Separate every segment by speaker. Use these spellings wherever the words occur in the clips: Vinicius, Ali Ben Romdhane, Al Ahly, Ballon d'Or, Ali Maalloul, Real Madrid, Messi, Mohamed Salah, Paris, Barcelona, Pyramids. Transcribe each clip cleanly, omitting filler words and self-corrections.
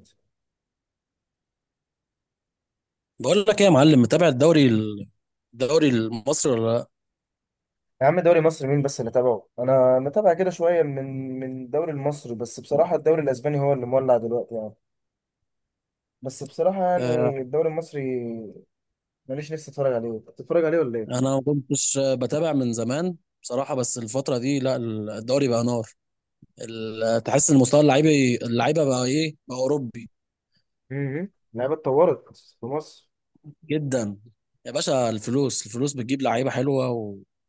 Speaker 1: يا
Speaker 2: بقول لك ايه يا معلم، متابع الدوري المصري ولا لا؟
Speaker 1: عم، دوري مصر مين بس اللي تابعه؟ انا متابع كده شويه من الدوري المصري، بس بصراحه الدوري الاسباني هو اللي مولع دلوقتي يعني. بس بصراحه
Speaker 2: آه،
Speaker 1: يعني الدوري المصري ماليش لسه اتفرج عليه. أنت بتتفرج عليه ولا ايه؟
Speaker 2: انا ما كنتش بتابع من زمان بصراحه، بس الفتره دي لا. الدوري بقى نار. تحس ان مستوى اللعيبه بقى ايه، بقى اوروبي
Speaker 1: اللعيبه اتطورت في مصر.
Speaker 2: جدا. يا باشا، الفلوس بتجيب لعيبه حلوه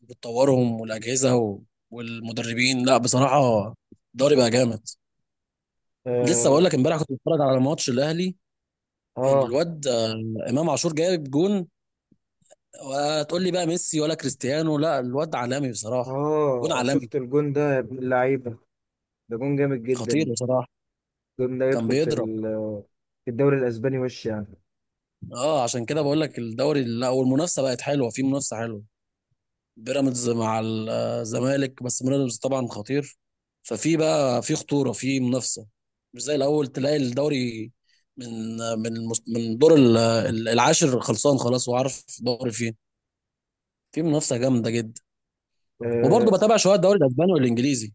Speaker 2: وبتطورهم، والمدربين، لا بصراحه الدوري بقى جامد. لسه بقول
Speaker 1: اه،
Speaker 2: لك، امبارح كنت بتفرج على ماتش الاهلي،
Speaker 1: اه،
Speaker 2: الواد امام عاشور جايب جون، وتقول لي بقى ميسي ولا كريستيانو، لا الواد عالمي بصراحه. جون
Speaker 1: اه،
Speaker 2: عالمي،
Speaker 1: شفت الجون ده يا ابن اللعيبه؟ ده جون جامد
Speaker 2: خطير
Speaker 1: جدا.
Speaker 2: بصراحه.
Speaker 1: الجون ده
Speaker 2: كان
Speaker 1: يدخل
Speaker 2: بيضرب.
Speaker 1: في الدوري الاسباني وش؟
Speaker 2: اه عشان كده بقول لك الدوري لا، والمنافسه بقت حلوه، في منافسه حلوه. بيراميدز مع الزمالك، بس بيراميدز طبعا خطير. ففي بقى في خطوره، في منافسه، مش زي الاول تلاقي الدوري من من من دور العاشر خلصان خلاص، وعارف الدوري فين. في منافسه جامده جدا. وبرضه
Speaker 1: يعني
Speaker 2: بتابع شويه الدوري الاسباني والانجليزي.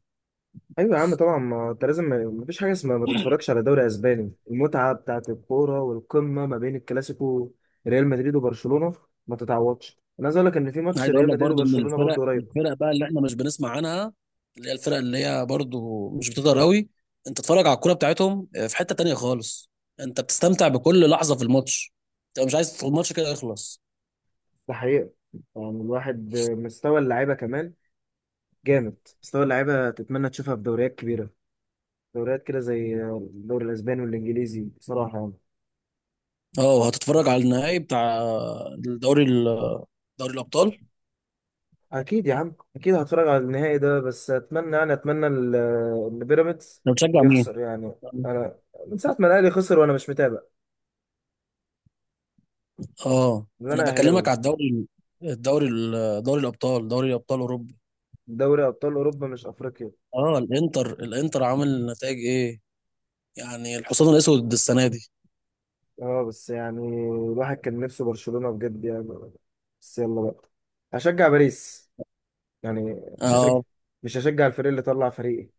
Speaker 1: ايوه يا عم، طبعا ما انت لازم، ما فيش حاجه اسمها ما تتفرجش على دوري اسباني، المتعه بتاعت الكوره والقمه ما بين الكلاسيكو ريال مدريد وبرشلونه ما تتعوضش. انا عايز اقول لك ان في ماتش
Speaker 2: عايز اقول
Speaker 1: ريال
Speaker 2: لك
Speaker 1: مدريد
Speaker 2: برضو ان
Speaker 1: وبرشلونه
Speaker 2: الفرق
Speaker 1: برضو قريب.
Speaker 2: الفرق بقى اللي احنا مش بنسمع عنها، اللي هي الفرق اللي هي برضو مش بتقدر قوي. انت تتفرج على الكوره بتاعتهم في حته تانية خالص. انت بتستمتع بكل لحظه في الماتش، انت مش عايز الماتش كده يخلص.
Speaker 1: ده حقيقه. يعني الواحد مستوى اللعيبه كمان جامد. مستوى اللعيبه تتمنى تشوفها في دوريات كبيره، دوريات كده زي الدوري الاسباني والانجليزي بصراحه يعني.
Speaker 2: اه، هتتفرج على النهائي بتاع الدوري دوري الابطال؟
Speaker 1: اكيد يا عم، اكيد هتفرج على النهائي ده، بس اتمنى يعني اتمنى ان بيراميدز
Speaker 2: انت بتشجع مين؟
Speaker 1: يخسر يعني. انا من ساعه ما الاهلي خسر وانا مش متابع.
Speaker 2: اه
Speaker 1: ان
Speaker 2: انا
Speaker 1: انا
Speaker 2: بكلمك على
Speaker 1: اهلاوي.
Speaker 2: الدوري، الدوري دوري الابطال، دوري ابطال اوروبا.
Speaker 1: دوري ابطال اوروبا مش افريقيا.
Speaker 2: اه الانتر عامل نتائج ايه؟ يعني الحصان الاسود السنه دي؟
Speaker 1: اه، بس يعني الواحد كان نفسه برشلونه بجد يعني. بس يلا بقى هشجع باريس، يعني مش هشجع
Speaker 2: اه،
Speaker 1: مش هشجع الفريق اللي طلع فريقي.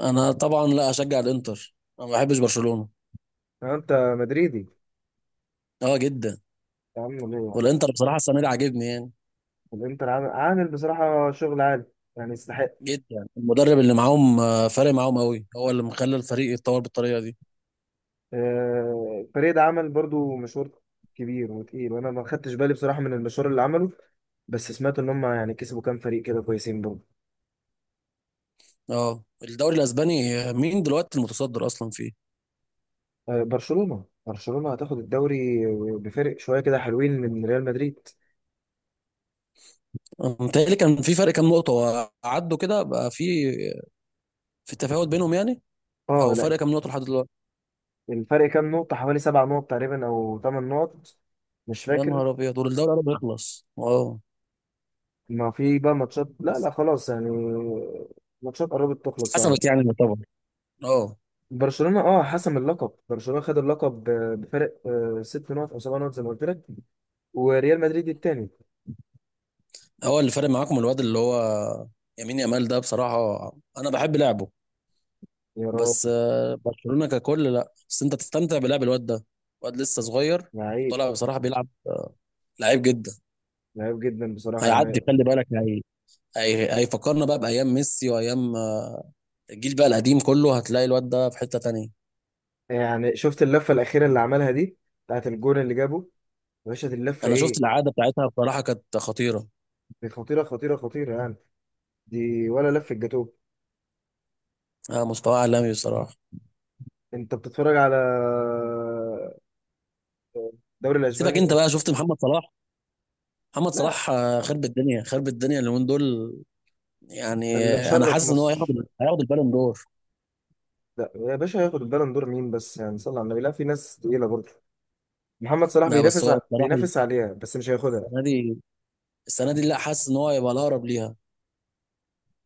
Speaker 2: انا طبعا لا اشجع الانتر، انا ما بحبش برشلونة.
Speaker 1: يعني انت مدريدي.
Speaker 2: اه جدا.
Speaker 1: يا عم ليه يعني؟
Speaker 2: والانتر بصراحة السنة دي عاجبني يعني
Speaker 1: الانتر عامل بصراحه شغل عالي، يعني يستحق.
Speaker 2: جدا. المدرب اللي معاهم فارق معاهم قوي، هو اللي مخلى الفريق يتطور بالطريقة دي.
Speaker 1: الفريق ده عمل برضو مشوار كبير وتقيل، وانا ما خدتش بالي بصراحه من المشوار اللي عمله. بس سمعت ان هم يعني كسبوا كام فريق كده كويسين برضو.
Speaker 2: اه الدوري الاسباني، مين دلوقتي المتصدر اصلا فيه؟
Speaker 1: برشلونه هتاخد الدوري بفرق شويه كده حلوين من ريال مدريد.
Speaker 2: متهيألي كان في فرق كام نقطة، وعدوا كده بقى في في تفاوت بينهم يعني.
Speaker 1: اه،
Speaker 2: او
Speaker 1: لا.
Speaker 2: فرق كام نقطة لحد دلوقتي؟
Speaker 1: الفرق كام نقطه حوالي سبع نقط تقريبا او ثمان نقط، مش
Speaker 2: يا
Speaker 1: فاكر.
Speaker 2: نهار ابيض، دول الدوري قرب يخلص. اه
Speaker 1: ما في بقى ماتشات، لا، لا، خلاص يعني. ماتشات قربت تخلص فعلا.
Speaker 2: حسمت يعني طبعا. اه.
Speaker 1: برشلونه اه حسم اللقب، برشلونه خد اللقب بفرق ست نقط او سبع نقط زي ما قلت لك، وريال مدريد التاني.
Speaker 2: هو اللي فارق معاكم الواد اللي هو يمين يامال ده بصراحة، أنا بحب لعبه.
Speaker 1: يا
Speaker 2: بس
Speaker 1: راجل،
Speaker 2: برشلونة ككل لا، بس انت تستمتع بلعب الواد ده، واد لسه صغير،
Speaker 1: لعيب،
Speaker 2: طالع بصراحة، بيلعب لعيب جدا.
Speaker 1: لعيب جدا بصراحة يعني.
Speaker 2: هيعدي خلي بالك. هيفكرنا بقى بأيام ميسي وأيام الجيل بقى القديم كله. هتلاقي الواد ده في حتة تانية.
Speaker 1: يعني شفت اللفة الأخيرة اللي عملها دي بتاعت الجون اللي جابه؟ يا باشا دي اللفة
Speaker 2: انا شفت
Speaker 1: إيه؟
Speaker 2: الإعادة بتاعتها بصراحة كانت خطيرة.
Speaker 1: دي خطيرة، خطيرة، خطيرة يعني. دي ولا لفة جاتوه.
Speaker 2: آه مستوى عالمي بصراحة.
Speaker 1: أنت بتتفرج على الدوري
Speaker 2: سيبك انت
Speaker 1: الأسباني؟
Speaker 2: بقى، شفت محمد صلاح؟ محمد
Speaker 1: لا،
Speaker 2: صلاح خرب الدنيا اليومين دول. يعني
Speaker 1: اللي
Speaker 2: انا
Speaker 1: مشرف
Speaker 2: حاسس ان هو هياخد
Speaker 1: مصر.
Speaker 2: هياخد البالون دور.
Speaker 1: لا يا باشا، هياخد البالون دور مين بس يعني؟ صلى على النبي، لا في ناس تقيلة برضه. محمد صلاح
Speaker 2: لا بس هو بصراحة
Speaker 1: بينافس عليها، بس مش هياخدها.
Speaker 2: السنة دي السنة دي لا، حاسس ان هو هيبقى الأقرب ليها.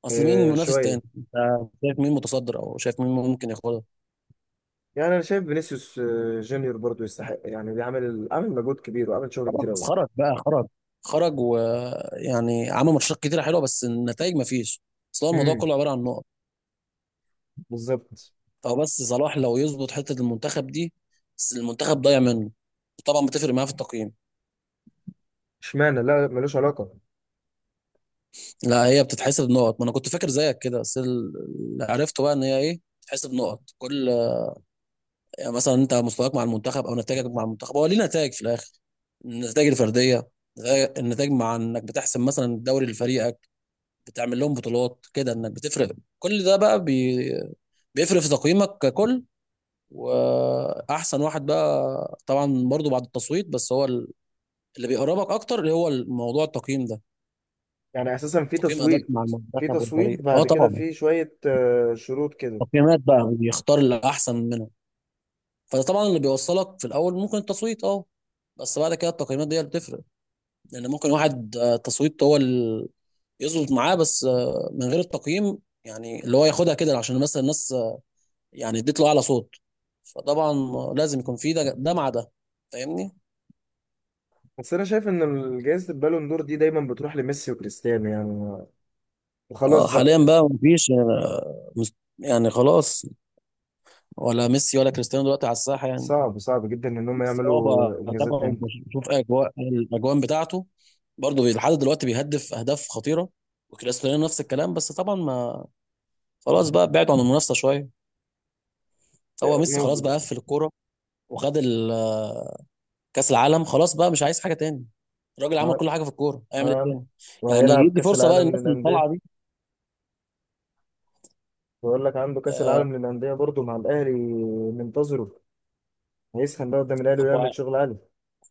Speaker 2: اصل مين منافس
Speaker 1: شوية.
Speaker 2: تاني، انت شايف مين متصدر او شايف مين ممكن ياخدها؟
Speaker 1: يعني انا شايف فينيسيوس جونيور برضه يستحق، يعني بيعمل عامل مجهود كبير وعامل شغل كتير
Speaker 2: خلاص
Speaker 1: قوي.
Speaker 2: خرج بقى، خرج. خرج ويعني عمل ماتشات كتيره حلوه، بس النتائج ما فيش. اصل هو الموضوع
Speaker 1: امم
Speaker 2: كله عباره عن نقط.
Speaker 1: بالظبط.
Speaker 2: فهو بس صلاح لو يظبط حته المنتخب دي، بس المنتخب ضايع منه. طبعا بتفرق معاه في التقييم.
Speaker 1: اشمعنى؟ لا، لا، ملوش علاقه.
Speaker 2: لا هي بتتحسب نقط، ما انا كنت فاكر زيك كده، بس اللي عرفته بقى ان هي ايه، بتتحسب نقط كل، يعني مثلا انت مستواك مع المنتخب او نتائجك مع المنتخب، هو ليه نتائج في الاخر، النتائج الفرديه، النتائج مع انك بتحسم مثلا الدوري لفريقك، بتعمل لهم بطولات كده، انك بتفرق، كل ده بقى بيفرق في تقييمك ككل. واحسن واحد بقى طبعا برضو بعد التصويت، بس هو اللي بيقربك اكتر اللي هو الموضوع التقييم ده،
Speaker 1: يعني اساسا في
Speaker 2: تقييم ادائك
Speaker 1: تصويت،
Speaker 2: مع
Speaker 1: في
Speaker 2: المنتخب
Speaker 1: تصويت
Speaker 2: والفريق. اه
Speaker 1: بعد كده
Speaker 2: طبعا،
Speaker 1: في شويه شروط كده.
Speaker 2: تقييمات بقى بيختار الاحسن منهم. فده طبعا اللي بيوصلك في الاول ممكن التصويت، اه بس بعد كده التقييمات دي اللي بتفرق. لان ممكن واحد تصويت هو اللي يظبط معاه، بس من غير التقييم، يعني اللي هو ياخدها كده عشان مثلا الناس يعني اديت له اعلى صوت، فطبعا لازم يكون في ده مع ده، فاهمني.
Speaker 1: بس انا شايف ان جائزه البالون دور دي دايما بتروح لميسي وكريستيانو يعني،
Speaker 2: اه
Speaker 1: وخلاص
Speaker 2: حاليا
Speaker 1: بقى.
Speaker 2: بقى مفيش يعني يعني خلاص، ولا ميسي ولا كريستيانو دلوقتي على الساحه يعني.
Speaker 1: صعب، صعب جدا ان هم
Speaker 2: ميسي اه بقى
Speaker 1: يعملوا انجازات
Speaker 2: تابعه
Speaker 1: تاني.
Speaker 2: وبشوف اجواء الاجوان بتاعته، برضه لحد دلوقتي بيهدف اهداف خطيره. وكريستيانو نفس الكلام، بس طبعا ما، خلاص بقى بعدوا عن المنافسه شويه. هو ميسي خلاص بقى
Speaker 1: موجود.
Speaker 2: قفل الكوره، وخد كاس العالم، خلاص بقى مش عايز حاجه تاني. الراجل عمل
Speaker 1: ها-
Speaker 2: كل حاجه في الكوره، هيعمل ايه
Speaker 1: ها.
Speaker 2: تاني؟ يعني
Speaker 1: وهيلعب
Speaker 2: يدي
Speaker 1: كاس
Speaker 2: فرصه بقى
Speaker 1: العالم
Speaker 2: للناس اللي
Speaker 1: للانديه.
Speaker 2: طالعه دي.
Speaker 1: بقول لك عنده كاس
Speaker 2: آه،
Speaker 1: العالم للانديه برضه مع الاهلي منتظره. هيسخن بقى قدام الاهلي
Speaker 2: هو
Speaker 1: ويعمل شغل عالي.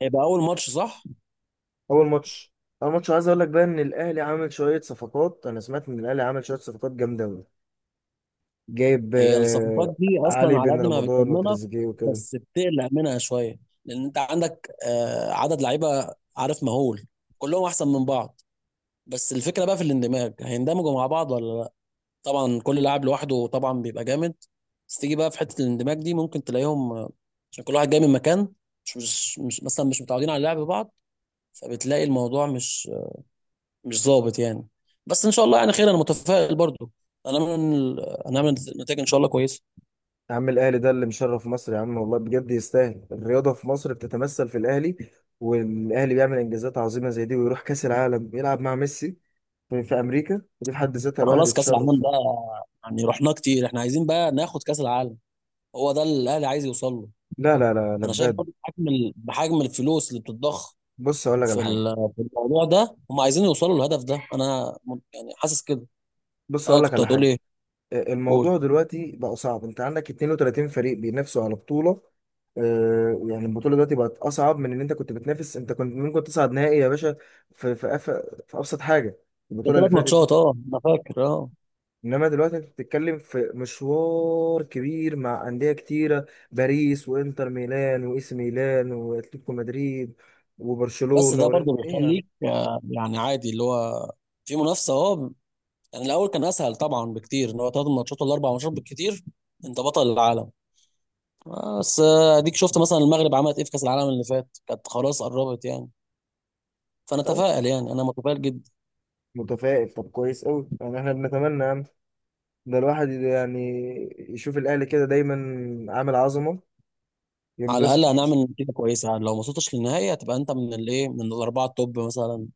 Speaker 2: هيبقى اول ماتش صح؟
Speaker 1: اول ماتش. اول ماتش، عايز اقول لك بقى ان الاهلي عامل شويه صفقات، انا سمعت ان الاهلي عامل شويه صفقات جامده قوي. جايب
Speaker 2: هي الصفقات دي
Speaker 1: علي
Speaker 2: اصلا على
Speaker 1: بن
Speaker 2: قد ما
Speaker 1: رمضان
Speaker 2: بتطمنك،
Speaker 1: وتريزيجيه وكده.
Speaker 2: بس بتقلق منها شويه. لان انت عندك عدد لعيبه عارف مهول، كلهم احسن من بعض، بس الفكره بقى في الاندماج، هيندمجوا مع بعض ولا لا. طبعا كل لاعب لوحده طبعا بيبقى جامد، بس تيجي بقى في حته الاندماج دي ممكن تلاقيهم عشان كل واحد جاي من مكان، مثلا مش متعودين على لعب بعض، فبتلاقي الموضوع مش ظابط يعني. بس ان شاء الله يعني خير، انا متفائل برضو. هنعمل نتائج ان شاء الله كويسه.
Speaker 1: يا عم الاهلي ده اللي مشرف مصر يا عم، والله بجد يستاهل. الرياضه في مصر بتتمثل في الاهلي، والاهلي بيعمل انجازات عظيمه زي دي، ويروح كاس العالم يلعب مع ميسي في امريكا، دي في حد ذاتها
Speaker 2: ما
Speaker 1: الواحد
Speaker 2: خلاص كاس العالم
Speaker 1: يتشرف.
Speaker 2: ده يعني رحناه كتير، احنا عايزين بقى ناخد كاس العالم، هو ده اللي الاهلي عايز يوصل له.
Speaker 1: لا، لا، لا،
Speaker 2: انا شايف
Speaker 1: لباد.
Speaker 2: برضو بحجم بحجم الفلوس اللي بتتضخ
Speaker 1: بص اقول لك
Speaker 2: في
Speaker 1: على حاجه.
Speaker 2: في الموضوع ده، هم عايزين يوصلوا للهدف ده، انا يعني حاسس كده.
Speaker 1: بص
Speaker 2: اه
Speaker 1: اقول لك
Speaker 2: كنت
Speaker 1: على
Speaker 2: هتقول
Speaker 1: حاجه.
Speaker 2: ايه؟ قول.
Speaker 1: الموضوع دلوقتي بقى صعب، انت عندك 32 فريق بينافسوا على بطولة. يعني البطولة دلوقتي بقت أصعب، من إن أنت كنت بتنافس، أنت كنت ممكن تصعد نهائي يا باشا في في, أف... في أبسط حاجة، البطولة اللي
Speaker 2: ثلاث
Speaker 1: فاتت دي.
Speaker 2: ماتشات اه انا فاكر، اه.
Speaker 1: إنما دلوقتي أنت بتتكلم في مشوار كبير مع أندية كتيرة، باريس وإنتر ميلان وإي سي ميلان وأتلتيكو مدريد
Speaker 2: بس
Speaker 1: وبرشلونة
Speaker 2: ده
Speaker 1: ورين،
Speaker 2: برضو
Speaker 1: إيه يعني.
Speaker 2: بيخليك يعني عادي اللي هو في منافسه، اه يعني الاول كان اسهل طبعا بكتير، ان هو ثلاث ماتشات ولا اربع ماتشات بالكتير انت بطل العالم. بس اديك شفت مثلا المغرب عملت ايه في كاس العالم اللي فات، كانت خلاص قربت يعني. فانا اتفائل يعني، انا متفائل جدا.
Speaker 1: متفائل، طب كويس أوي يعني، إحنا بنتمنى ده الواحد يعني يشوف الاهلي كده دايما عامل عظمه،
Speaker 2: على
Speaker 1: ينبسط.
Speaker 2: الاقل هنعمل نتيجه كويسه يعني، لو ما وصلتش للنهائي هتبقى انت من الايه، من الاربعه التوب مثلا،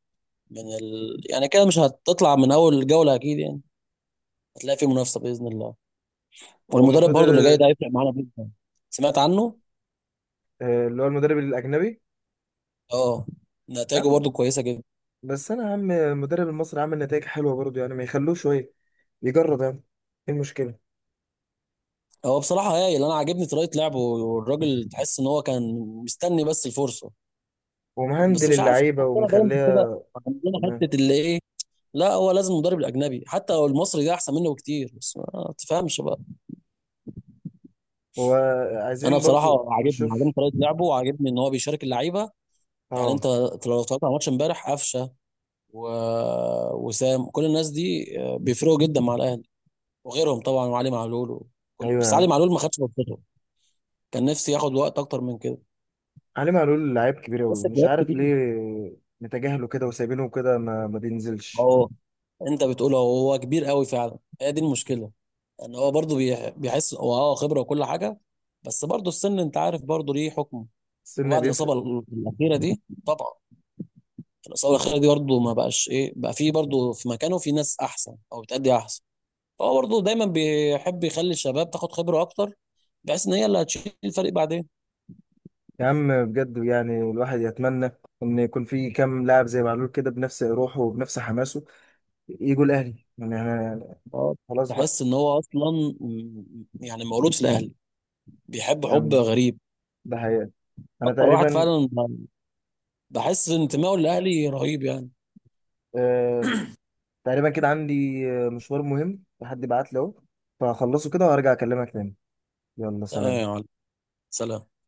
Speaker 2: من ال... يعني كده مش هتطلع من اول جوله اكيد يعني، هتلاقي في منافسه باذن الله.
Speaker 1: هو
Speaker 2: والمدرب
Speaker 1: المفروض
Speaker 2: برضو اللي جاي ده هيفرق معانا جدا. سمعت عنه؟
Speaker 1: اللي هو المدرب الاجنبي.
Speaker 2: اه
Speaker 1: يا
Speaker 2: نتائجه
Speaker 1: عم،
Speaker 2: برضو كويسه جدا.
Speaker 1: بس انا يا عم المدرب المصري عامل نتائج حلوه برضه، يعني ما يخلوه شويه يجرب يعني، ايه المشكله؟
Speaker 2: هو بصراحه هايل، انا عاجبني طريقه لعبه، والراجل تحس ان هو كان مستني بس الفرصه. بس
Speaker 1: ومهندل
Speaker 2: مش عارف
Speaker 1: اللعيبه
Speaker 2: عندنا دايما كده،
Speaker 1: ومخليها.
Speaker 2: عندنا
Speaker 1: تمام.
Speaker 2: حته اللي ايه. لا هو لازم المدرب الاجنبي حتى لو المصري ده احسن منه بكتير، بس ما تفهمش بقى.
Speaker 1: هو
Speaker 2: انا
Speaker 1: عايزين برضه
Speaker 2: بصراحه عاجبني
Speaker 1: نشوف.
Speaker 2: طريقه لعبه، وعاجبني ان هو بيشارك اللعيبه. يعني
Speaker 1: اه.
Speaker 2: انت لو اتفرجت على ماتش امبارح، قفشه و... وسام، كل الناس دي بيفرقوا جدا مع الاهلي، وغيرهم طبعا، وعلي معلول وكل...
Speaker 1: ايوه يا
Speaker 2: بس علي
Speaker 1: عم،
Speaker 2: معلول ما خدش فرصته، كان نفسي ياخد وقت اكتر من كده،
Speaker 1: علي معلول لعيب كبير قوي
Speaker 2: بس
Speaker 1: مش
Speaker 2: الجواب
Speaker 1: عارف
Speaker 2: كتير.
Speaker 1: ليه متجاهله كده وسايبينه كده، ما بينزلش.
Speaker 2: اهو، انت بتقول اهو، هو كبير قوي فعلا، هي دي المشكله، ان هو برضه بيحس هو اه خبره وكل حاجه، بس برضه السن انت عارف برضه ليه حكم.
Speaker 1: السن
Speaker 2: وبعد الاصابه
Speaker 1: بيفرق.
Speaker 2: الاخيره دي طبعا، الاصابه الاخيره دي برضه ما بقاش ايه بقى، في برضه في مكانه في ناس احسن او بتأدي احسن. فهو برضه دايما بيحب يخلي الشباب تاخد خبره اكتر، بحيث ان هي اللي هتشيل الفريق بعدين.
Speaker 1: يا عم بجد يعني الواحد يتمنى ان يكون في كام لاعب زي معلول كده بنفس روحه وبنفس حماسه، يجوا الاهلي يعني، انا
Speaker 2: اه
Speaker 1: خلاص بقى.
Speaker 2: تحس ان هو اصلا يعني مولود في الاهلي، بيحب حب
Speaker 1: يعني
Speaker 2: غريب.
Speaker 1: ده حقيقة. انا
Speaker 2: اكتر واحد فعلا، بحس انتمائه للاهلي رهيب يعني.
Speaker 1: آه تقريبا كده عندي مشوار مهم حد بعت لي اهو، فهخلصه كده وارجع اكلمك تاني. يلا
Speaker 2: تمام يا
Speaker 1: سلام.
Speaker 2: معلم، سلام.